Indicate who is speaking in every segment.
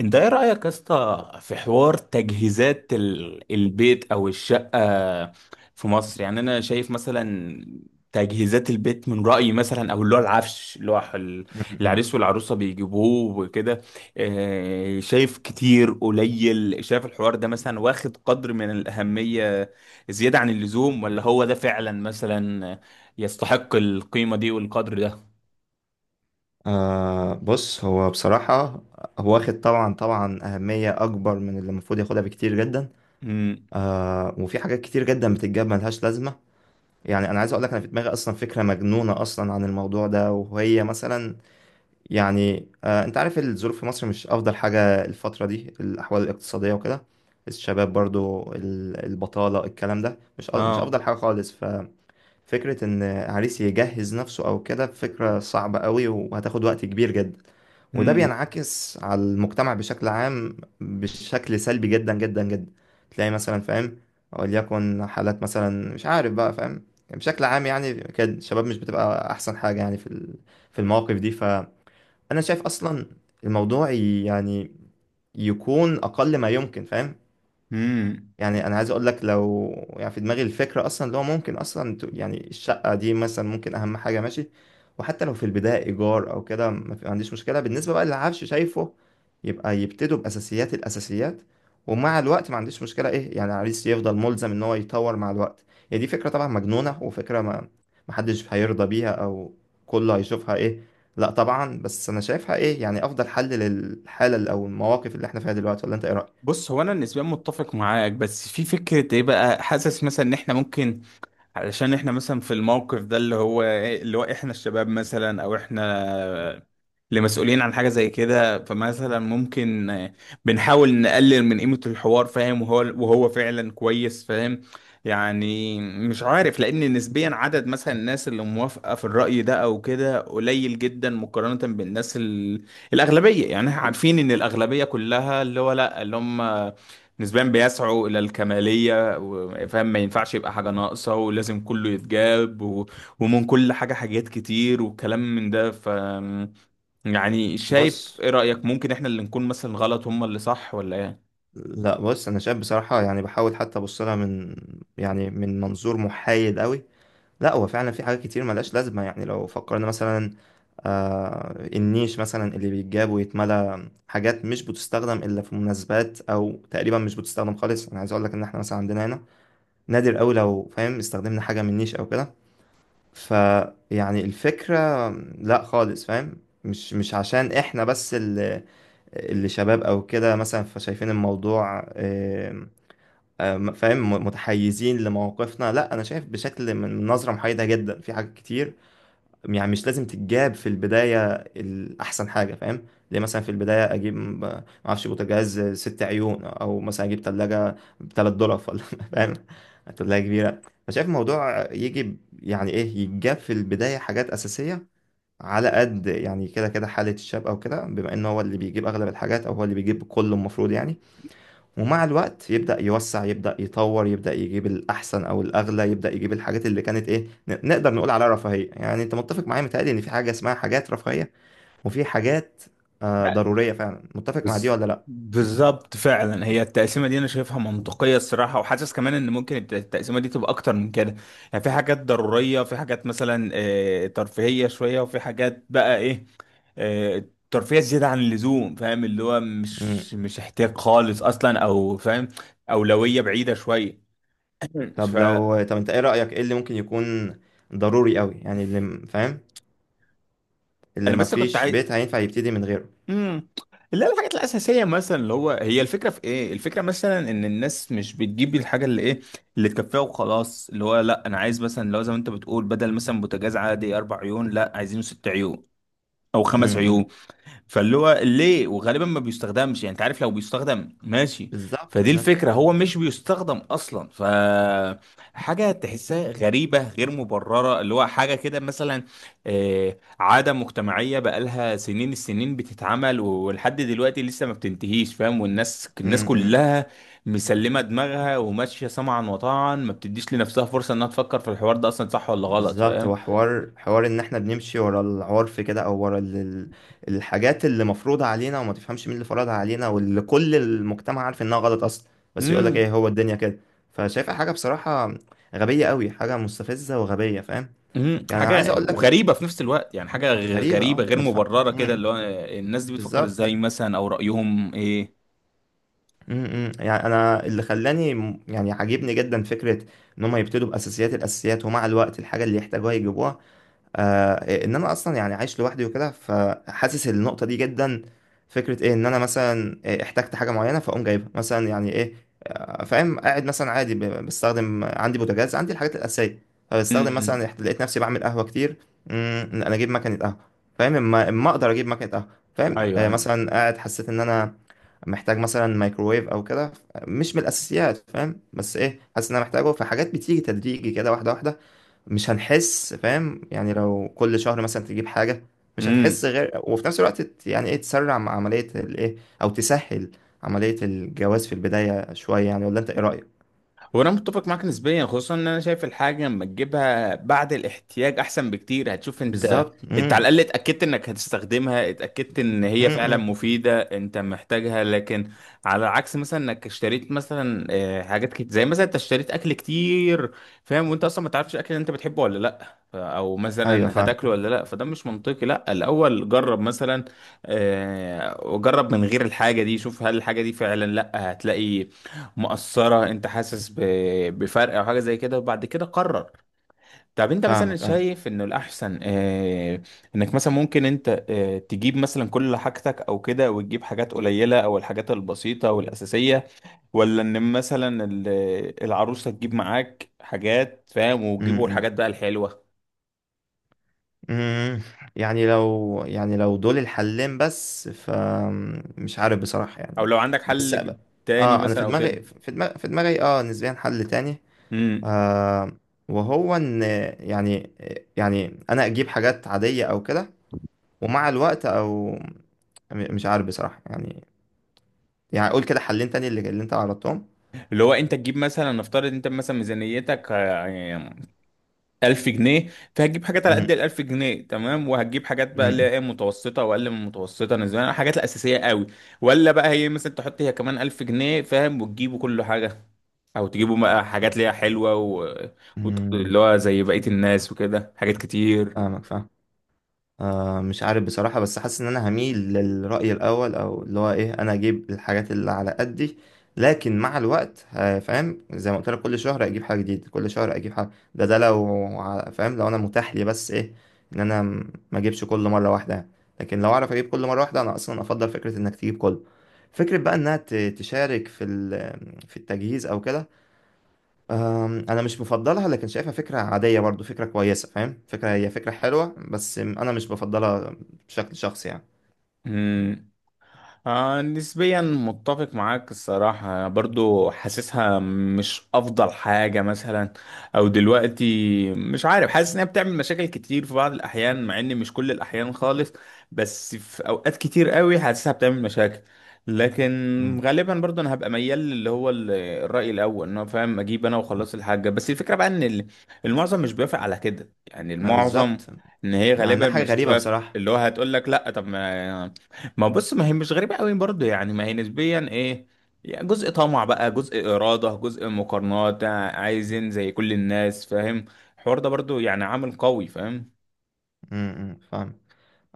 Speaker 1: انت ايه رأيك يا اسطى في حوار تجهيزات البيت او الشقة في مصر يعني انا شايف مثلا تجهيزات البيت من رأيي مثلا او اللي هو العفش اللي هو
Speaker 2: م-م.
Speaker 1: العريس والعروسة بيجيبوه وكده. اه، شايف كتير قليل، شايف الحوار ده مثلا واخد قدر من الأهمية زيادة عن اللزوم ولا هو ده فعلا مثلا يستحق القيمة دي والقدر ده؟
Speaker 2: بص، هو بصراحة هو واخد طبعا طبعا أهمية أكبر من اللي المفروض ياخدها بكتير جدا.
Speaker 1: امم
Speaker 2: وفي حاجات كتير جدا بتتجاب ملهاش لازمة. يعني أنا عايز أقول لك، أنا في دماغي أصلا فكرة مجنونة أصلا عن الموضوع ده، وهي مثلا يعني، أنت عارف الظروف في مصر مش أفضل حاجة، الفترة دي الأحوال الاقتصادية وكده، الشباب برضو البطالة، الكلام ده مش مش
Speaker 1: اه
Speaker 2: أفضل حاجة خالص. فكرة إن عريس يجهز نفسه أو كده فكرة صعبة قوي وهتاخد وقت كبير جدا، وده بينعكس على المجتمع بشكل عام بشكل سلبي جدا جدا جدا. تلاقي مثلا، فاهم، وليكن حالات مثلا مش عارف بقى، فاهم، بشكل عام يعني كده الشباب مش بتبقى أحسن حاجة يعني في في المواقف دي. فأنا شايف أصلا الموضوع يعني يكون أقل ما يمكن، فاهم.
Speaker 1: امم
Speaker 2: يعني انا عايز اقول لك لو، يعني في دماغي الفكره اصلا اللي هو ممكن اصلا يعني الشقه دي مثلا ممكن اهم حاجه، ماشي. وحتى لو في البدايه ايجار او كده، ما عنديش مشكله، بالنسبه بقى للعفش، شايفه، يبقى يبتدوا باساسيات الاساسيات. ومع الوقت ما عنديش مشكله، ايه يعني العريس يفضل ملزم ان هو يطور مع الوقت. هي دي فكره طبعا مجنونه، وفكره، ما حدش هيرضى بيها، او كله هيشوفها ايه، لا طبعا. بس انا شايفها ايه يعني افضل حل للحاله او المواقف اللي احنا فيها دلوقتي. ولا انت ايه رايك؟
Speaker 1: بص، هو انا نسبيا متفق معاك، بس في فكره، ايه بقى، حاسس مثلا ان احنا ممكن، علشان احنا مثلا في الموقف ده اللي هو إيه، اللي هو احنا الشباب مثلا او احنا لمسؤولين عن حاجة زي كده، فمثلا ممكن آه، بنحاول نقلل من قيمة الحوار، فاهم؟ وهو فعلا كويس، فاهم؟ يعني مش عارف، لأن نسبيا عدد مثلا الناس اللي موافقة في الرأي ده أو كده قليل جدا مقارنة بالناس ال... الأغلبية. يعني احنا عارفين إن الأغلبية كلها اللي هو لأ، اللي هم نسبيا بيسعوا إلى الكمالية فاهم، ما ينفعش يبقى حاجة ناقصة ولازم كله يتجاب و... ومن كل حاجة، حاجات كتير وكلام من ده. ف يعني شايف،
Speaker 2: بص،
Speaker 1: ايه رأيك، ممكن احنا اللي نكون مثلا غلط، هم اللي صح، ولا ايه؟
Speaker 2: لا، بص، انا شايف بصراحه، يعني بحاول حتى ابص لها يعني من منظور محايد قوي. لا، هو فعلا في حاجات كتير ملهاش لازمه. يعني لو فكرنا مثلا، النيش مثلا اللي بيتجاب ويتملى حاجات مش بتستخدم الا في مناسبات، او تقريبا مش بتستخدم خالص. انا عايز اقول لك ان احنا مثلا عندنا هنا نادر قوي لو، فاهم، استخدمنا حاجه من نيش او كده. فيعني الفكره، لا خالص، فاهم، مش عشان احنا بس اللي شباب او كده مثلا فشايفين الموضوع، فاهم، متحيزين لمواقفنا. لا، انا شايف بشكل من نظره محايده جدا في حاجات كتير. يعني مش لازم تتجاب في البدايه الاحسن حاجه، فاهم، ليه مثلا في البدايه اجيب ما اعرفش بوتاجاز ست عيون، او مثلا اجيب ثلاجه ب $3 ولا فاهم، ثلاجه كبيره. فشايف الموضوع يجي يعني ايه يتجاب في البدايه حاجات اساسيه على قد، يعني كده كده حاله الشاب او كده، بما ان هو اللي بيجيب اغلب الحاجات، او هو اللي بيجيب كله المفروض يعني. ومع الوقت يبدأ يوسع، يبدأ يطور، يبدأ يجيب الأحسن أو الأغلى، يبدأ يجيب الحاجات اللي كانت إيه نقدر نقول عليها رفاهية. يعني أنت متفق معايا، متهيألي إن في حاجة اسمها حاجات رفاهية، وفي حاجات
Speaker 1: لا،
Speaker 2: ضرورية فعلا. متفق مع دي ولا لأ؟
Speaker 1: بالظبط فعلا، هي التقسيمه دي انا شايفها منطقيه الصراحه، وحاسس كمان ان ممكن التقسيمه دي تبقى اكتر من كده. يعني في حاجات ضروريه، في حاجات مثلا آه، ترفيهيه شويه، وفي حاجات بقى ايه، آه، ترفيه زياده عن اللزوم، فاهم؟ اللي هو
Speaker 2: مم.
Speaker 1: مش مش احتياج خالص اصلا، او فاهم، اولويه بعيده شويه.
Speaker 2: طب
Speaker 1: فانا
Speaker 2: لو، طب أنت إيه رأيك، إيه اللي ممكن يكون ضروري أوي، يعني اللي فاهم، اللي
Speaker 1: بس كنت
Speaker 2: مفيش
Speaker 1: عايز،
Speaker 2: بيت هينفع يبتدي من غيره.
Speaker 1: امم لا، الحاجات الاساسيه مثلا، اللي هو هي الفكره في ايه، الفكره مثلا ان الناس مش بتجيب الحاجه اللي ايه، اللي تكفيها وخلاص. اللي هو لا، انا عايز مثلا، لو زي ما انت بتقول، بدل مثلا بوتاجاز عادي اربع عيون، لا عايزينه ست عيون او
Speaker 2: مم.
Speaker 1: خمس
Speaker 2: مم.
Speaker 1: عيون. فاللي هو ليه، وغالبا ما بيستخدمش؟ يعني انت عارف، لو بيستخدم ماشي،
Speaker 2: بالظبط
Speaker 1: فدي
Speaker 2: بالظبط.
Speaker 1: الفكرة، هو مش بيستخدم اصلا. ف حاجة تحسها غريبة غير مبررة، اللي هو حاجة كده مثلا آه، عادة مجتمعية بقالها سنين، السنين بتتعمل ولحد دلوقتي لسه ما بتنتهيش، فاهم؟ والناس
Speaker 2: مم. مم.
Speaker 1: كلها مسلمة دماغها وماشية سمعا وطاعا، ما بتديش لنفسها فرصة انها تفكر في الحوار ده اصلا صح ولا غلط.
Speaker 2: بالظبط، هو حوار، ان احنا بنمشي ورا العرف كده، او ورا الحاجات اللي مفروضة علينا، وما تفهمش مين اللي فرضها علينا، واللي كل المجتمع عارف انها غلط اصلا. بس يقولك
Speaker 1: فاهم،
Speaker 2: ايه، هو الدنيا كده. فشايفها حاجة بصراحة غبية قوي، حاجة مستفزة وغبية، فاهم.
Speaker 1: مم،
Speaker 2: يعني انا عايز
Speaker 1: حاجة
Speaker 2: اقولك
Speaker 1: وغريبة في نفس الوقت، يعني حاجة
Speaker 2: غريبة،
Speaker 1: غريبة غير
Speaker 2: ما تفهم،
Speaker 1: مبررة كده، اللي هو الناس دي بتفكر
Speaker 2: بالظبط.
Speaker 1: ازاي مثلا، او رأيهم ايه؟
Speaker 2: يعني انا اللي خلاني، يعني عاجبني جدا فكرة ان هم يبتدوا باساسيات الاساسيات، ومع الوقت الحاجة اللي يحتاجوها يجيبوها. ان انا اصلا يعني عايش لوحدي وكده، فحاسس النقطه دي جدا. فكره ايه ان انا مثلا إيه احتجت حاجه معينه فاقوم جايبها، مثلا يعني ايه، فاهم، قاعد مثلا عادي بستخدم عندي بوتاجاز، عندي الحاجات الاساسيه. فبستخدم مثلا،
Speaker 1: امم،
Speaker 2: لقيت نفسي بعمل قهوه كتير. انا اجيب مكنه قهوه، فاهم، اما اقدر اجيب مكنه قهوه، فاهم.
Speaker 1: ايوه ايوه،
Speaker 2: مثلا قاعد حسيت ان انا محتاج مثلا مايكروويف او كده، مش من الاساسيات، فاهم، بس ايه حاسس ان انا محتاجه. فحاجات بتيجي تدريجي كده، واحده واحده، مش هنحس، فاهم، يعني لو كل شهر مثلا تجيب حاجة مش هتحس.
Speaker 1: امم.
Speaker 2: غير وفي نفس الوقت يعني ايه تسرع مع عملية الايه، او تسهل عملية الجواز في البداية شوية يعني. ولا انت ايه رأيك؟
Speaker 1: هو انا متفق معاك نسبيا، خصوصا ان انا شايف الحاجه لما تجيبها بعد الاحتياج احسن بكتير، هتشوف انت.
Speaker 2: بالظبط.
Speaker 1: انت
Speaker 2: امم.
Speaker 1: على الاقل اتاكدت انك هتستخدمها، اتاكدت ان هي فعلا
Speaker 2: امم.
Speaker 1: مفيده، انت محتاجها. لكن على عكس مثلا، انك اشتريت مثلا آه، حاجات كتير، زي مثلا انت اشتريت اكل كتير، فاهم، وانت اصلا ما تعرفش الاكل اللي انت بتحبه ولا لا، او
Speaker 2: ايوه.
Speaker 1: مثلا
Speaker 2: فاهم.
Speaker 1: هتاكله ولا لا. فده مش منطقي، لا الاول جرب مثلا آه، وجرب من غير الحاجه دي، شوف هل الحاجه دي فعلا لا هتلاقي مؤثرة، انت حاسس بفرق او حاجة زي كده، وبعد كده قرر. طب انت مثلا
Speaker 2: فاهمك. ايوه.
Speaker 1: شايف انه الاحسن، اه، انك مثلا ممكن انت اه تجيب مثلا كل حاجتك او كده، وتجيب حاجات قليلة او الحاجات البسيطة والاساسية، ولا ان مثلا العروسة تجيب معاك حاجات، فاهم، وتجيبوا
Speaker 2: امم.
Speaker 1: الحاجات بقى الحلوة؟
Speaker 2: امم. يعني لو، يعني لو دول الحلين بس، فمش عارف بصراحة
Speaker 1: او
Speaker 2: يعني.
Speaker 1: لو عندك
Speaker 2: بس،
Speaker 1: حل تاني
Speaker 2: اه انا
Speaker 1: مثلا
Speaker 2: في
Speaker 1: او
Speaker 2: دماغي
Speaker 1: كده.
Speaker 2: في دماغي في دماغي نسبيا حل تاني،
Speaker 1: امم،
Speaker 2: آه وهو ان، يعني، انا اجيب حاجات عادية او كده، ومع الوقت، او مش عارف بصراحة يعني. يعني اقول كده حلين تاني اللي انت عرضتهم.
Speaker 1: اللي هو انت تجيب مثلا، نفترض انت مثلا ميزانيتك آه، 1000 جنيه، فهتجيب حاجات على قد
Speaker 2: امم.
Speaker 1: ال 1000 جنيه، تمام، وهتجيب حاجات بقى اللي هي
Speaker 2: امم.
Speaker 1: إيه، متوسطه واقل من متوسطه نسبيا، الحاجات الاساسيه قوي. ولا بقى هي مثلا تحط هي كمان 1000 جنيه، فاهم، وتجيبوا كل حاجه، او تجيبوا بقى حاجات اللي هي حلوه و...
Speaker 2: أمم.
Speaker 1: اللي هو زي بقيه الناس وكده، حاجات كتير.
Speaker 2: فاهمك. فاهم. مش عارف بصراحة، بس حاسس إن أنا هميل للرأي الأول، أو اللي هو إيه، أنا أجيب الحاجات اللي على قدي. لكن مع الوقت، فاهم، زي ما قلت لك كل شهر أجيب حاجة جديدة، كل شهر أجيب حاجة، ده لو فاهم، لو أنا متاح لي بس إيه إن أنا ما أجيبش كل مرة واحدة يعني. لكن لو أعرف أجيب كل مرة واحدة، أنا أصلا أفضل فكرة إنك تجيب كله. فكرة بقى إنها تشارك في في التجهيز أو كده، انا مش مفضلها، لكن شايفها فكره عاديه برضو، فكره كويسه، فاهم، فكره، هي فكره حلوه، بس انا مش بفضلها بشكل شخصي يعني.
Speaker 1: امم، آه نسبيا متفق معاك الصراحة، برضو حاسسها مش أفضل حاجة مثلا أو دلوقتي، مش عارف، حاسس إنها بتعمل مشاكل كتير في بعض الأحيان، مع إن مش كل الأحيان خالص، بس في أوقات كتير قوي حاسسها بتعمل مشاكل.
Speaker 2: مم.
Speaker 1: لكن غالبا برضو أنا هبقى ميال اللي هو الرأي الأول، إن هو فاهم، أجيب أنا وخلاص الحاجة. بس الفكرة بقى إن المعظم مش بيوافق على كده، يعني
Speaker 2: ما
Speaker 1: المعظم
Speaker 2: بالظبط،
Speaker 1: إن هي
Speaker 2: مع انها
Speaker 1: غالبا
Speaker 2: حاجه
Speaker 1: مش
Speaker 2: غريبه
Speaker 1: هتوافق،
Speaker 2: بصراحه.
Speaker 1: اللي هو هتقول لك لا، طب ما، ما بص، ما هي مش غريبة قوي برضه، يعني ما هي نسبيا ايه، يعني جزء طمع بقى، جزء إرادة، جزء مقارنات، عايزين زي كل الناس، فاهم؟ الحوار ده برضه يعني عامل قوي، فاهم؟
Speaker 2: امم. فاهم.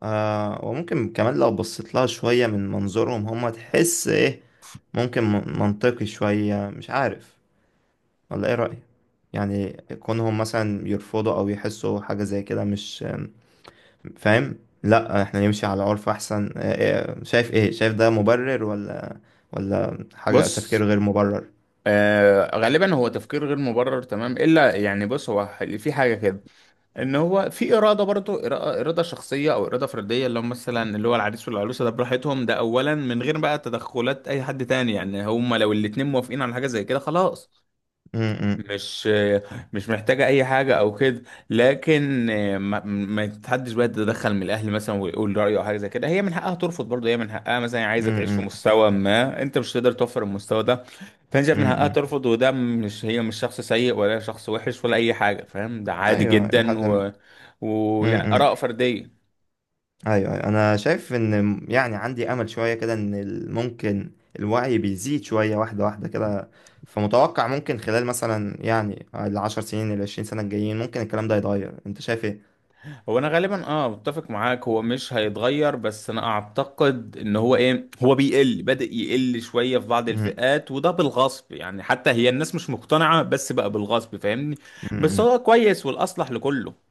Speaker 2: وممكن كمان لو بصيت لها شويه من منظورهم، هم تحس ايه، ممكن منطقي شويه، مش عارف، ولا ايه رايك؟ يعني كونهم مثلا يرفضوا او يحسوا حاجه زي كده، مش، فاهم، لا احنا نمشي على عرف احسن. شايف ايه، شايف ده مبرر، ولا، ولا حاجة
Speaker 1: بص
Speaker 2: تفكير غير مبرر.
Speaker 1: آه، غالبا هو تفكير غير مبرر تمام، الا يعني بص، هو في حاجة كده، ان هو في إرادة برضه، إرادة شخصية او إرادة فردية، اللي هم مثلا اللي هو العريس والعروسة ده براحتهم، ده اولا، من غير بقى تدخلات اي حد تاني. يعني هم لو الاتنين موافقين على حاجة زي كده خلاص،
Speaker 2: امم.
Speaker 1: مش مش محتاجة أي حاجة أو كده. لكن ما تحدش بقى تتدخل من الأهل مثلا ويقول رأيه أو حاجة زي كده. هي من حقها ترفض برضه، هي من حقها مثلا عايزة تعيش في
Speaker 2: امم.
Speaker 1: مستوى، ما أنت مش تقدر توفر المستوى ده، فأنت شايف من حقها
Speaker 2: امم.
Speaker 1: ترفض. وده مش، هي مش شخص سيء ولا شخص وحش ولا أي حاجة، فاهم؟ ده عادي
Speaker 2: ايوه. الى حد
Speaker 1: جدا
Speaker 2: ما.
Speaker 1: و... ويعني آراء
Speaker 2: امم.
Speaker 1: فردية.
Speaker 2: ايوه أيوة. انا شايف ان يعني عندي امل شويه كده ان ممكن الوعي بيزيد شويه واحده واحده كده. فمتوقع ممكن خلال مثلا يعني العشر سنين العشرين سنه الجايين ممكن الكلام ده يتغير، انت شايف ايه؟
Speaker 1: هو انا غالبا اه متفق معاك، هو مش هيتغير، بس انا اعتقد ان هو ايه، هو بيقل، بدأ يقل شوية في بعض الفئات، وده بالغصب، يعني حتى هي الناس مش مقتنعة، بس بقى بالغصب، فاهمني؟ بس
Speaker 2: امم.
Speaker 1: هو كويس والاصلح لكله.